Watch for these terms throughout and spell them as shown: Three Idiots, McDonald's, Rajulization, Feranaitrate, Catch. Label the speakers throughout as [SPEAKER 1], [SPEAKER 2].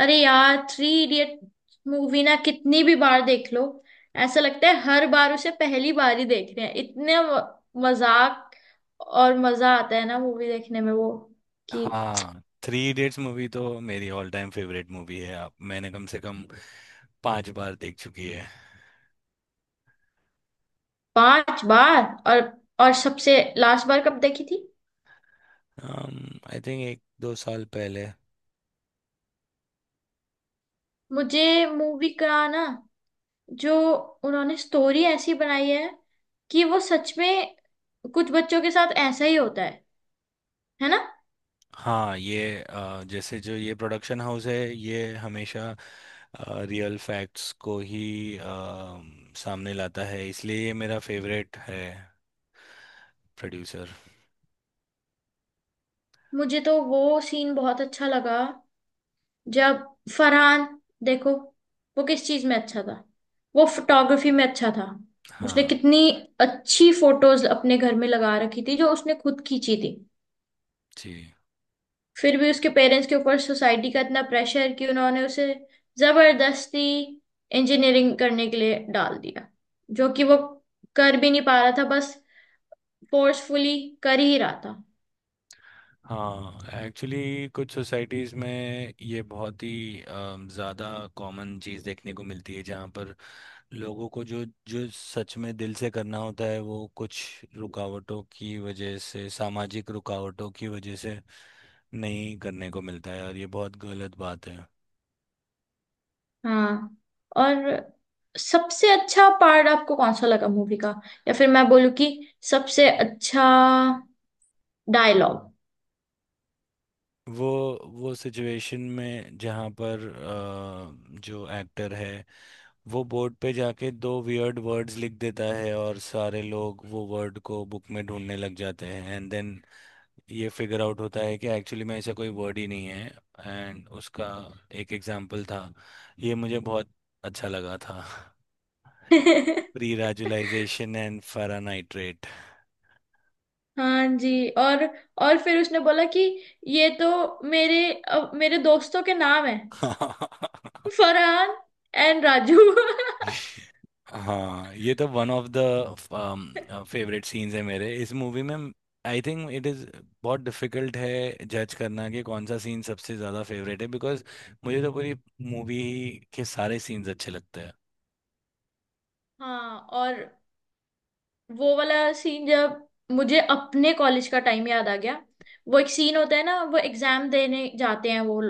[SPEAKER 1] अरे यार, three idiot movie ना कितनी भी बार देख लो, ऐसा लगता है हर बार उसे पहली बार ही देख रहे हैं। इतने मजाक और मजा आता है ना मूवी देखने में। वो कि
[SPEAKER 2] हाँ, थ्री इडियट्स मूवी तो मेरी ऑल टाइम फेवरेट मूवी है। आप मैंने कम से कम पांच बार देख चुकी है।
[SPEAKER 1] 5 बार। और और सबसे लास्ट बार कब देखी थी?
[SPEAKER 2] आई थिंक एक दो साल पहले।
[SPEAKER 1] मुझे मूवी का ना, जो उन्होंने स्टोरी ऐसी बनाई है कि वो सच में, कुछ बच्चों के साथ ऐसा ही होता है ना।
[SPEAKER 2] हाँ, ये जैसे जो ये प्रोडक्शन हाउस है ये हमेशा रियल फैक्ट्स को ही सामने लाता है, इसलिए ये मेरा फेवरेट है। प्रोड्यूसर।
[SPEAKER 1] मुझे तो वो सीन बहुत अच्छा लगा, जब फरहान, देखो, वो किस चीज में अच्छा था? वो फोटोग्राफी में अच्छा था। उसने
[SPEAKER 2] हाँ
[SPEAKER 1] कितनी अच्छी फोटोज अपने घर में लगा रखी थी जो उसने खुद खींची थी।
[SPEAKER 2] जी।
[SPEAKER 1] फिर भी उसके पेरेंट्स के ऊपर सोसाइटी का इतना प्रेशर कि उन्होंने उसे जबरदस्ती इंजीनियरिंग करने के लिए डाल दिया, जो कि वो कर भी नहीं पा रहा था, बस फोर्सफुली कर ही रहा था।
[SPEAKER 2] हाँ, एक्चुअली कुछ सोसाइटीज़ में ये बहुत ही ज़्यादा कॉमन चीज़ देखने को मिलती है, जहाँ पर लोगों को जो जो सच में दिल से करना होता है वो कुछ रुकावटों की वजह से, सामाजिक रुकावटों की वजह से नहीं करने को मिलता है, और ये बहुत गलत बात है।
[SPEAKER 1] हाँ। और सबसे अच्छा पार्ट आपको कौन सा लगा मूवी का? या फिर मैं बोलूँ कि सबसे अच्छा डायलॉग?
[SPEAKER 2] वो वो सिचुएशन में जहाँ पर जो एक्टर है वो बोर्ड पे जाके दो वियर्ड वर्ड्स लिख देता है और सारे लोग वो वर्ड को बुक में ढूंढने लग जाते हैं, एंड देन ये फिगर आउट होता है कि एक्चुअली में ऐसा कोई वर्ड ही नहीं है। एंड उसका एक एग्जाम्पल था, ये मुझे बहुत अच्छा लगा था। Pre राजुलाइजेशन and फेरानाइट्रेट।
[SPEAKER 1] हाँ जी। और फिर उसने बोला कि ये तो मेरे, अब मेरे दोस्तों के नाम है, फरहान एंड राजू।
[SPEAKER 2] हाँ, ये तो one of the favourite scenes है मेरे इस मूवी में। आई थिंक इट इज़ बहुत डिफिकल्ट है जज करना कि कौन सा सीन सबसे ज़्यादा फेवरेट है, बिकॉज मुझे तो पूरी मूवी के सारे सीन्स अच्छे लगते हैं।
[SPEAKER 1] हाँ। और वो वाला सीन जब मुझे अपने कॉलेज का टाइम याद आ गया। वो एक सीन होता है ना, वो एग्जाम देने जाते हैं, वो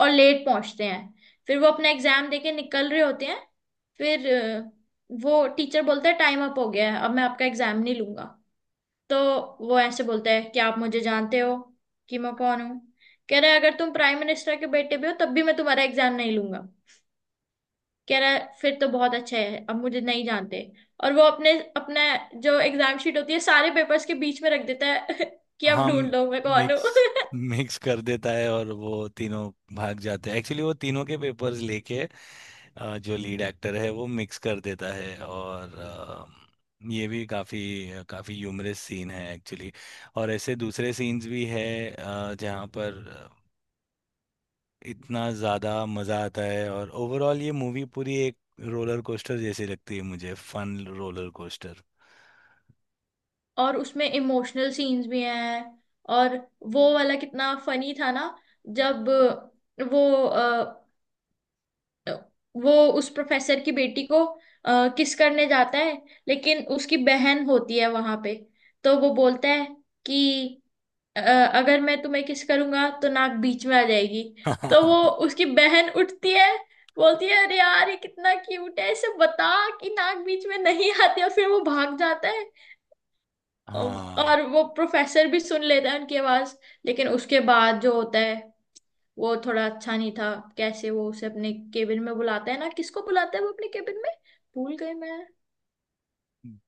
[SPEAKER 1] और लेट पहुंचते हैं। फिर वो अपना एग्जाम देके निकल रहे होते हैं, फिर वो टीचर बोलता है टाइम अप हो गया है, अब मैं आपका एग्जाम नहीं लूंगा। तो वो ऐसे बोलता है कि आप मुझे जानते हो कि मैं कौन हूँ। कह रहा है अगर तुम प्राइम मिनिस्टर के बेटे भी हो तब भी मैं तुम्हारा एग्जाम नहीं लूंगा। कह रहा है फिर तो बहुत अच्छा है, अब मुझे नहीं जानते। और वो अपने, अपना जो एग्जाम शीट होती है सारे पेपर्स के बीच में रख देता है। कि अब
[SPEAKER 2] हम
[SPEAKER 1] ढूंढ लो मैं कौन हूँ।
[SPEAKER 2] मिक्स मिक्स कर देता है और वो तीनों भाग जाते हैं, एक्चुअली वो तीनों के पेपर्स लेके। जो लीड एक्टर है वो मिक्स कर देता है, और ये भी काफ़ी काफ़ी ह्यूमरस सीन है एक्चुअली। और ऐसे दूसरे सीन्स भी है जहाँ पर इतना ज़्यादा मज़ा आता है, और ओवरऑल ये मूवी पूरी एक रोलर कोस्टर जैसी लगती है मुझे, फन रोलर कोस्टर।
[SPEAKER 1] और उसमें इमोशनल सीन्स भी हैं। और वो वाला कितना फनी था ना, जब वो वो उस प्रोफेसर की बेटी को किस करने जाता है, लेकिन उसकी बहन होती है वहां पे। तो वो बोलता है कि अ, अगर मैं तुम्हें किस करूंगा तो नाक बीच में आ जाएगी। तो वो, उसकी बहन उठती है, बोलती है अरे यार ये कितना क्यूट है, इसे बता कि नाक बीच में नहीं आती। और फिर वो भाग जाता है।
[SPEAKER 2] हाँ।
[SPEAKER 1] और वो प्रोफेसर भी सुन लेता है उनकी आवाज। लेकिन उसके बाद जो होता है वो थोड़ा अच्छा नहीं था। कैसे वो उसे अपने केबिन में बुलाता है ना? किसको बुलाता है वो अपने केबिन में? भूल गई मैं।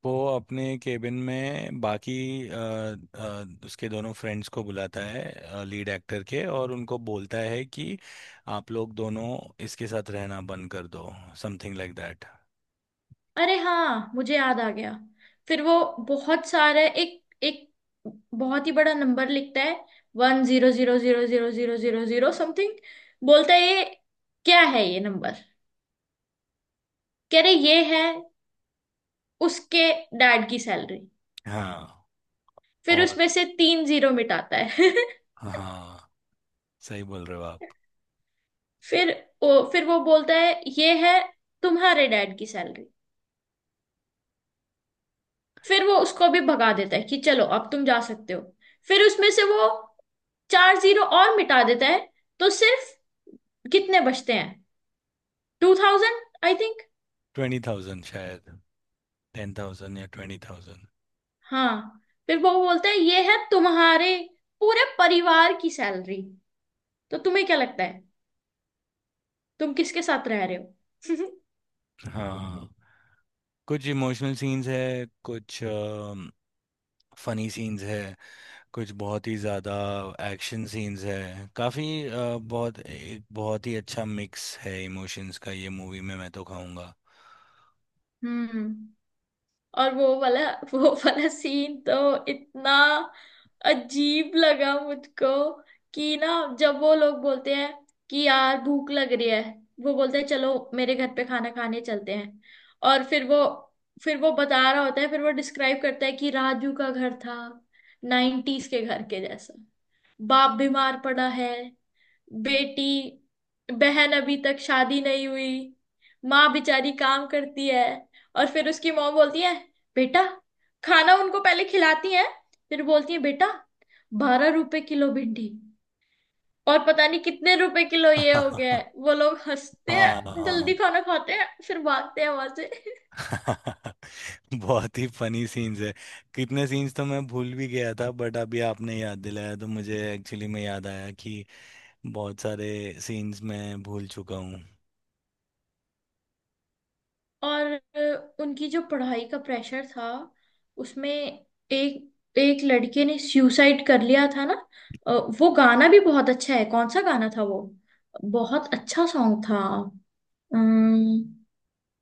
[SPEAKER 2] वो अपने केबिन में बाकी अ, उसके दोनों फ्रेंड्स को बुलाता है लीड एक्टर के, और उनको बोलता है कि आप लोग दोनों इसके साथ रहना बंद कर दो, समथिंग लाइक दैट।
[SPEAKER 1] अरे हाँ, मुझे याद आ गया। फिर वो बहुत सारे, एक एक बहुत ही बड़ा नंबर लिखता है, 10000000 समथिंग। बोलता है ये क्या है ये नंबर? कह रहे ये है उसके डैड की सैलरी।
[SPEAKER 2] हाँ।
[SPEAKER 1] फिर
[SPEAKER 2] और
[SPEAKER 1] उसमें से तीन जीरो मिटाता है।
[SPEAKER 2] हाँ, सही बोल रहे हो आप।
[SPEAKER 1] फिर फिर वो बोलता है ये है तुम्हारे डैड की सैलरी। फिर वो उसको भी भगा देता है कि चलो अब तुम जा सकते हो। फिर उसमें से वो चार जीरो और मिटा देता है। तो सिर्फ कितने बचते हैं? 2000 आई थिंक।
[SPEAKER 2] ट्वेंटी थाउजेंड शायद, टेन थाउजेंड या ट्वेंटी थाउजेंड।
[SPEAKER 1] हाँ, फिर वो बोलते हैं ये है तुम्हारे पूरे परिवार की सैलरी। तो तुम्हें क्या लगता है तुम किसके साथ रह रहे हो?
[SPEAKER 2] हाँ, कुछ इमोशनल सीन्स है, कुछ फनी सीन्स है, कुछ बहुत ही ज़्यादा एक्शन सीन्स है, काफ़ी बहुत एक बहुत ही अच्छा मिक्स है इमोशंस का ये मूवी में, मैं तो कहूँगा।
[SPEAKER 1] हम्म। और वो वाला सीन तो इतना अजीब लगा मुझको कि ना, जब वो लोग बोलते हैं कि यार भूख लग रही है, वो बोलते हैं चलो मेरे घर पे खाना खाने चलते हैं। और फिर वो बता रहा होता है, फिर वो डिस्क्राइब करता है कि राजू का घर था नाइन्टीज के घर के जैसा। बाप बीमार पड़ा है, बेटी, बहन अभी तक शादी नहीं हुई, माँ बेचारी काम करती है। और फिर उसकी माँ बोलती है बेटा, खाना उनको पहले खिलाती है, फिर बोलती है बेटा 12 रुपए किलो भिंडी और पता नहीं कितने रुपए किलो ये हो गया
[SPEAKER 2] हाँ।
[SPEAKER 1] है। वो लोग हंसते
[SPEAKER 2] हाँ।
[SPEAKER 1] हैं, जल्दी खाना खाते हैं, फिर भागते हैं वहां से।
[SPEAKER 2] बहुत ही फनी सीन्स है। कितने सीन्स तो मैं भूल भी गया था, बट अभी आपने याद दिलाया तो मुझे एक्चुअली में याद आया कि बहुत सारे सीन्स मैं भूल चुका हूँ।
[SPEAKER 1] और उनकी जो पढ़ाई का प्रेशर था, उसमें एक एक लड़के ने सुसाइड कर लिया था ना। अ, वो गाना भी बहुत अच्छा है। कौन सा गाना था वो? बहुत अच्छा सॉन्ग था। अम्म,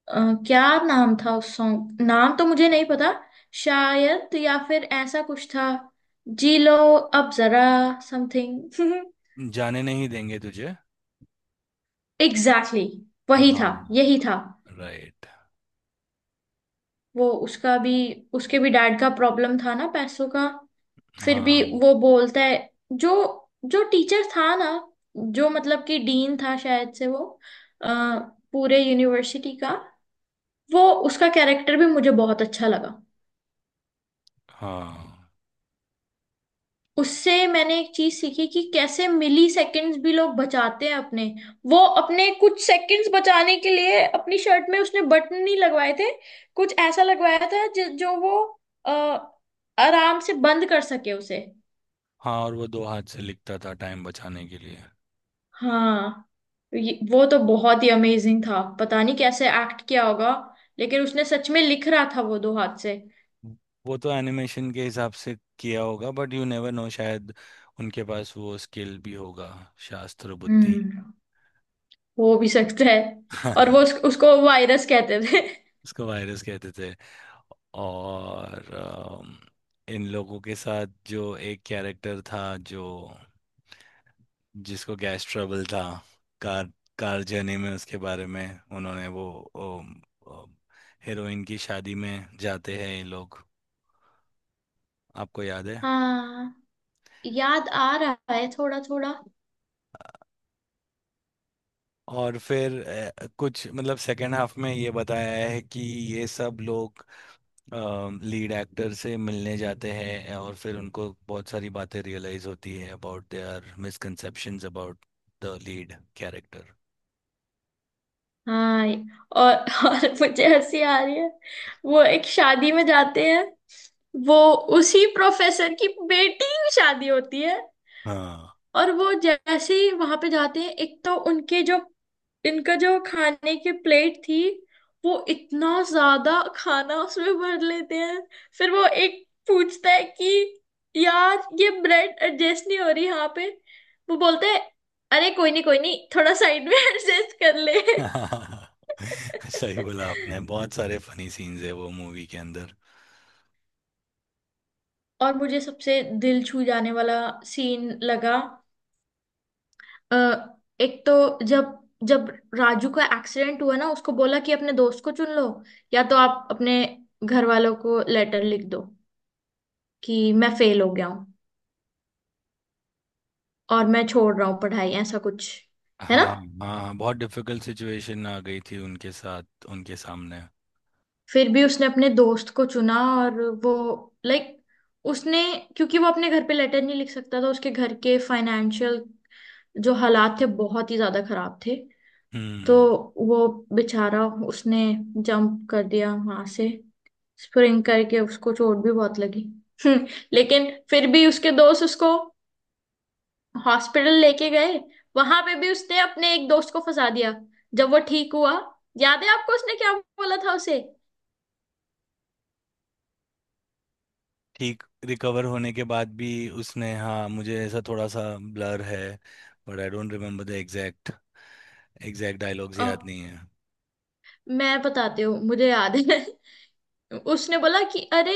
[SPEAKER 1] अ, क्या नाम था उस सॉन्ग? नाम तो मुझे नहीं पता, शायद, या फिर ऐसा कुछ था, जी लो अब जरा समथिंग।
[SPEAKER 2] जाने नहीं देंगे तुझे।
[SPEAKER 1] एग्जैक्टली exactly, वही था
[SPEAKER 2] हाँ,
[SPEAKER 1] यही था।
[SPEAKER 2] राइट।
[SPEAKER 1] वो उसका भी, उसके भी डैड का प्रॉब्लम था ना, पैसों का। फिर भी
[SPEAKER 2] हाँ,
[SPEAKER 1] वो बोलता है जो जो टीचर था ना, जो मतलब कि डीन था शायद से, वो अ, पूरे यूनिवर्सिटी का, वो उसका कैरेक्टर भी मुझे बहुत अच्छा लगा।
[SPEAKER 2] हाँ,
[SPEAKER 1] उससे मैंने एक चीज सीखी कि कैसे मिली सेकंड्स भी लोग बचाते हैं अपने। वो अपने कुछ सेकंड्स बचाने के लिए अपनी शर्ट में उसने बटन नहीं लगवाए थे। कुछ ऐसा लगवाया था जो वो अ, आराम से बंद कर सके उसे।
[SPEAKER 2] हाँ। और वो दो हाथ से लिखता था टाइम बचाने के लिए।
[SPEAKER 1] हाँ। तो वो तो बहुत ही अमेजिंग था, पता नहीं कैसे एक्ट किया होगा, लेकिन उसने सच में लिख रहा था वो दो हाथ से।
[SPEAKER 2] वो तो एनिमेशन के हिसाब से किया होगा, बट यू नेवर नो, शायद उनके पास वो स्किल भी होगा। शास्त्र बुद्धि।
[SPEAKER 1] हम्म। हो भी सकता है। और वो उसको वायरस कहते थे।
[SPEAKER 2] उसको वायरस कहते थे। और इन लोगों के साथ जो एक कैरेक्टर था जो जिसको गैस ट्रबल था। कार कार जर्नी में उसके बारे में उन्होंने वो अम, अम, हीरोइन की शादी में जाते हैं ये लोग, आपको याद है।
[SPEAKER 1] हाँ। याद आ रहा है थोड़ा थोड़ा।
[SPEAKER 2] और फिर कुछ मतलब सेकेंड हाफ में ये बताया है कि ये सब लोग लीड एक्टर से मिलने जाते हैं और फिर उनको बहुत सारी बातें रियलाइज होती है about their misconceptions about the lead character.
[SPEAKER 1] हाँ। और मुझे हंसी आ रही है। वो एक शादी में जाते हैं, वो उसी प्रोफेसर की बेटी की शादी होती है।
[SPEAKER 2] हाँ।
[SPEAKER 1] और वो जैसे ही वहां पे जाते हैं, एक तो उनके जो, इनका जो खाने की प्लेट थी, वो इतना ज्यादा खाना उसमें भर लेते हैं। फिर वो एक पूछता है कि यार ये ब्रेड एडजस्ट नहीं हो रही यहाँ पे। वो बोलते हैं अरे कोई नहीं कोई नहीं, थोड़ा साइड में एडजस्ट कर ले।
[SPEAKER 2] सही बोला आपने, बहुत सारे फनी सीन्स है वो मूवी के अंदर।
[SPEAKER 1] और मुझे सबसे दिल छू जाने वाला सीन लगा, अ, एक तो जब, जब राजू का एक्सीडेंट हुआ ना, उसको बोला कि अपने दोस्त को चुन लो या तो आप अपने घर वालों को लेटर लिख दो कि मैं फेल हो गया हूँ और मैं छोड़ रहा हूँ पढ़ाई, ऐसा कुछ, है
[SPEAKER 2] हाँ।
[SPEAKER 1] ना।
[SPEAKER 2] हाँ, हाँ, बहुत डिफिकल्ट सिचुएशन आ गई थी उनके साथ, उनके सामने।
[SPEAKER 1] फिर भी उसने अपने दोस्त को चुना। और वो लाइक उसने, क्योंकि वो अपने घर पे लेटर नहीं लिख सकता था, उसके घर के फाइनेंशियल जो हालात थे बहुत ही ज्यादा खराब थे। तो
[SPEAKER 2] हम्म।
[SPEAKER 1] वो बेचारा उसने जंप कर दिया वहां से, स्प्रिंग करके। उसको चोट भी बहुत लगी। लेकिन फिर भी उसके दोस्त उसको हॉस्पिटल लेके गए। वहां पे भी उसने अपने एक दोस्त को फंसा दिया। जब वो ठीक हुआ, याद है आपको उसने क्या बोला था उसे?
[SPEAKER 2] ठीक रिकवर होने के बाद भी उसने, हाँ, मुझे ऐसा थोड़ा सा ब्लर है, but I don't remember the exact exact dialogues
[SPEAKER 1] अ,
[SPEAKER 2] याद नहीं है।
[SPEAKER 1] मैं बताती हूँ, मुझे याद है। उसने बोला कि अरे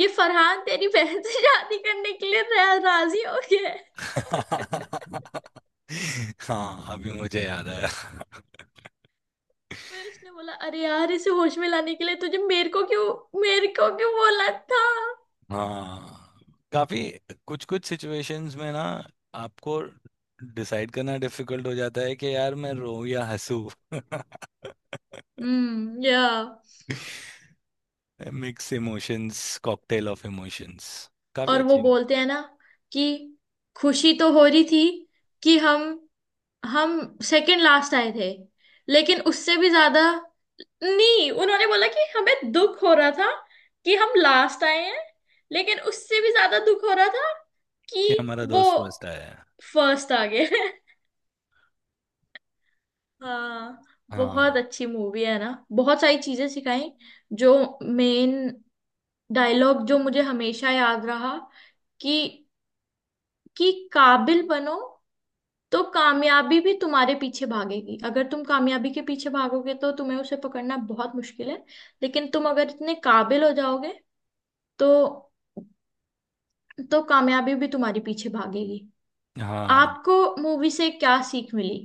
[SPEAKER 1] ये फरहान तेरी बहन से शादी करने के लिए राजी हो गया है।
[SPEAKER 2] हाँ, अभी मुझे याद आया।
[SPEAKER 1] फिर उसने बोला अरे यार, इसे होश में लाने के लिए तुझे मेरे को क्यों बोला था।
[SPEAKER 2] हाँ, काफी कुछ कुछ सिचुएशंस में ना आपको डिसाइड करना डिफिकल्ट हो जाता है कि यार मैं रोऊं या हंसूं।
[SPEAKER 1] या।
[SPEAKER 2] Mix emotions, cocktail of emotions. काफी
[SPEAKER 1] और वो
[SPEAKER 2] अच्छी।
[SPEAKER 1] बोलते हैं ना कि खुशी तो हो रही थी कि हम सेकंड लास्ट आए थे लेकिन उससे भी ज्यादा, नहीं, उन्होंने बोला कि हमें दुख हो रहा था कि हम लास्ट आए हैं लेकिन उससे भी ज्यादा दुख हो रहा था कि
[SPEAKER 2] कि हमारा
[SPEAKER 1] वो
[SPEAKER 2] दोस्त फर्स्ट आया है।
[SPEAKER 1] फर्स्ट आ गए। हाँ।
[SPEAKER 2] हाँ।
[SPEAKER 1] बहुत अच्छी मूवी है ना, बहुत सारी चीजें सिखाई। जो मेन डायलॉग जो मुझे हमेशा याद रहा कि कि काबिल बनो तो कामयाबी भी तुम्हारे पीछे भागेगी। अगर तुम कामयाबी के पीछे भागोगे तो तुम्हें उसे पकड़ना बहुत मुश्किल है। लेकिन तुम अगर इतने काबिल हो जाओगे तो तो कामयाबी भी तुम्हारे पीछे भागेगी।
[SPEAKER 2] हाँ,
[SPEAKER 1] आपको मूवी से क्या सीख मिली?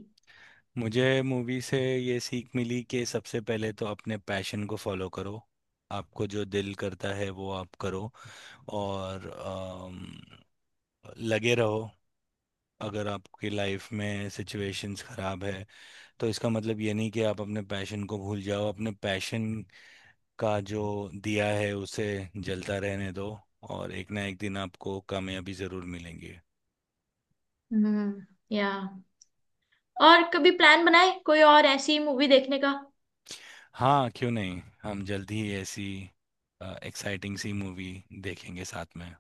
[SPEAKER 2] मुझे मूवी से ये सीख मिली कि सबसे पहले तो अपने पैशन को फॉलो करो, आपको जो दिल करता है वो आप करो। और लगे रहो। अगर आपकी लाइफ में सिचुएशंस खराब है तो इसका मतलब ये नहीं कि आप अपने पैशन को भूल जाओ, अपने पैशन का जो दिया है उसे जलता रहने दो। और एक ना एक दिन आपको कामयाबी ज़रूर मिलेंगी।
[SPEAKER 1] हम्म या। और कभी प्लान बनाए कोई और ऐसी मूवी देखने का।
[SPEAKER 2] हाँ, क्यों नहीं, हम जल्द ही ऐसी एक्साइटिंग सी मूवी देखेंगे साथ में।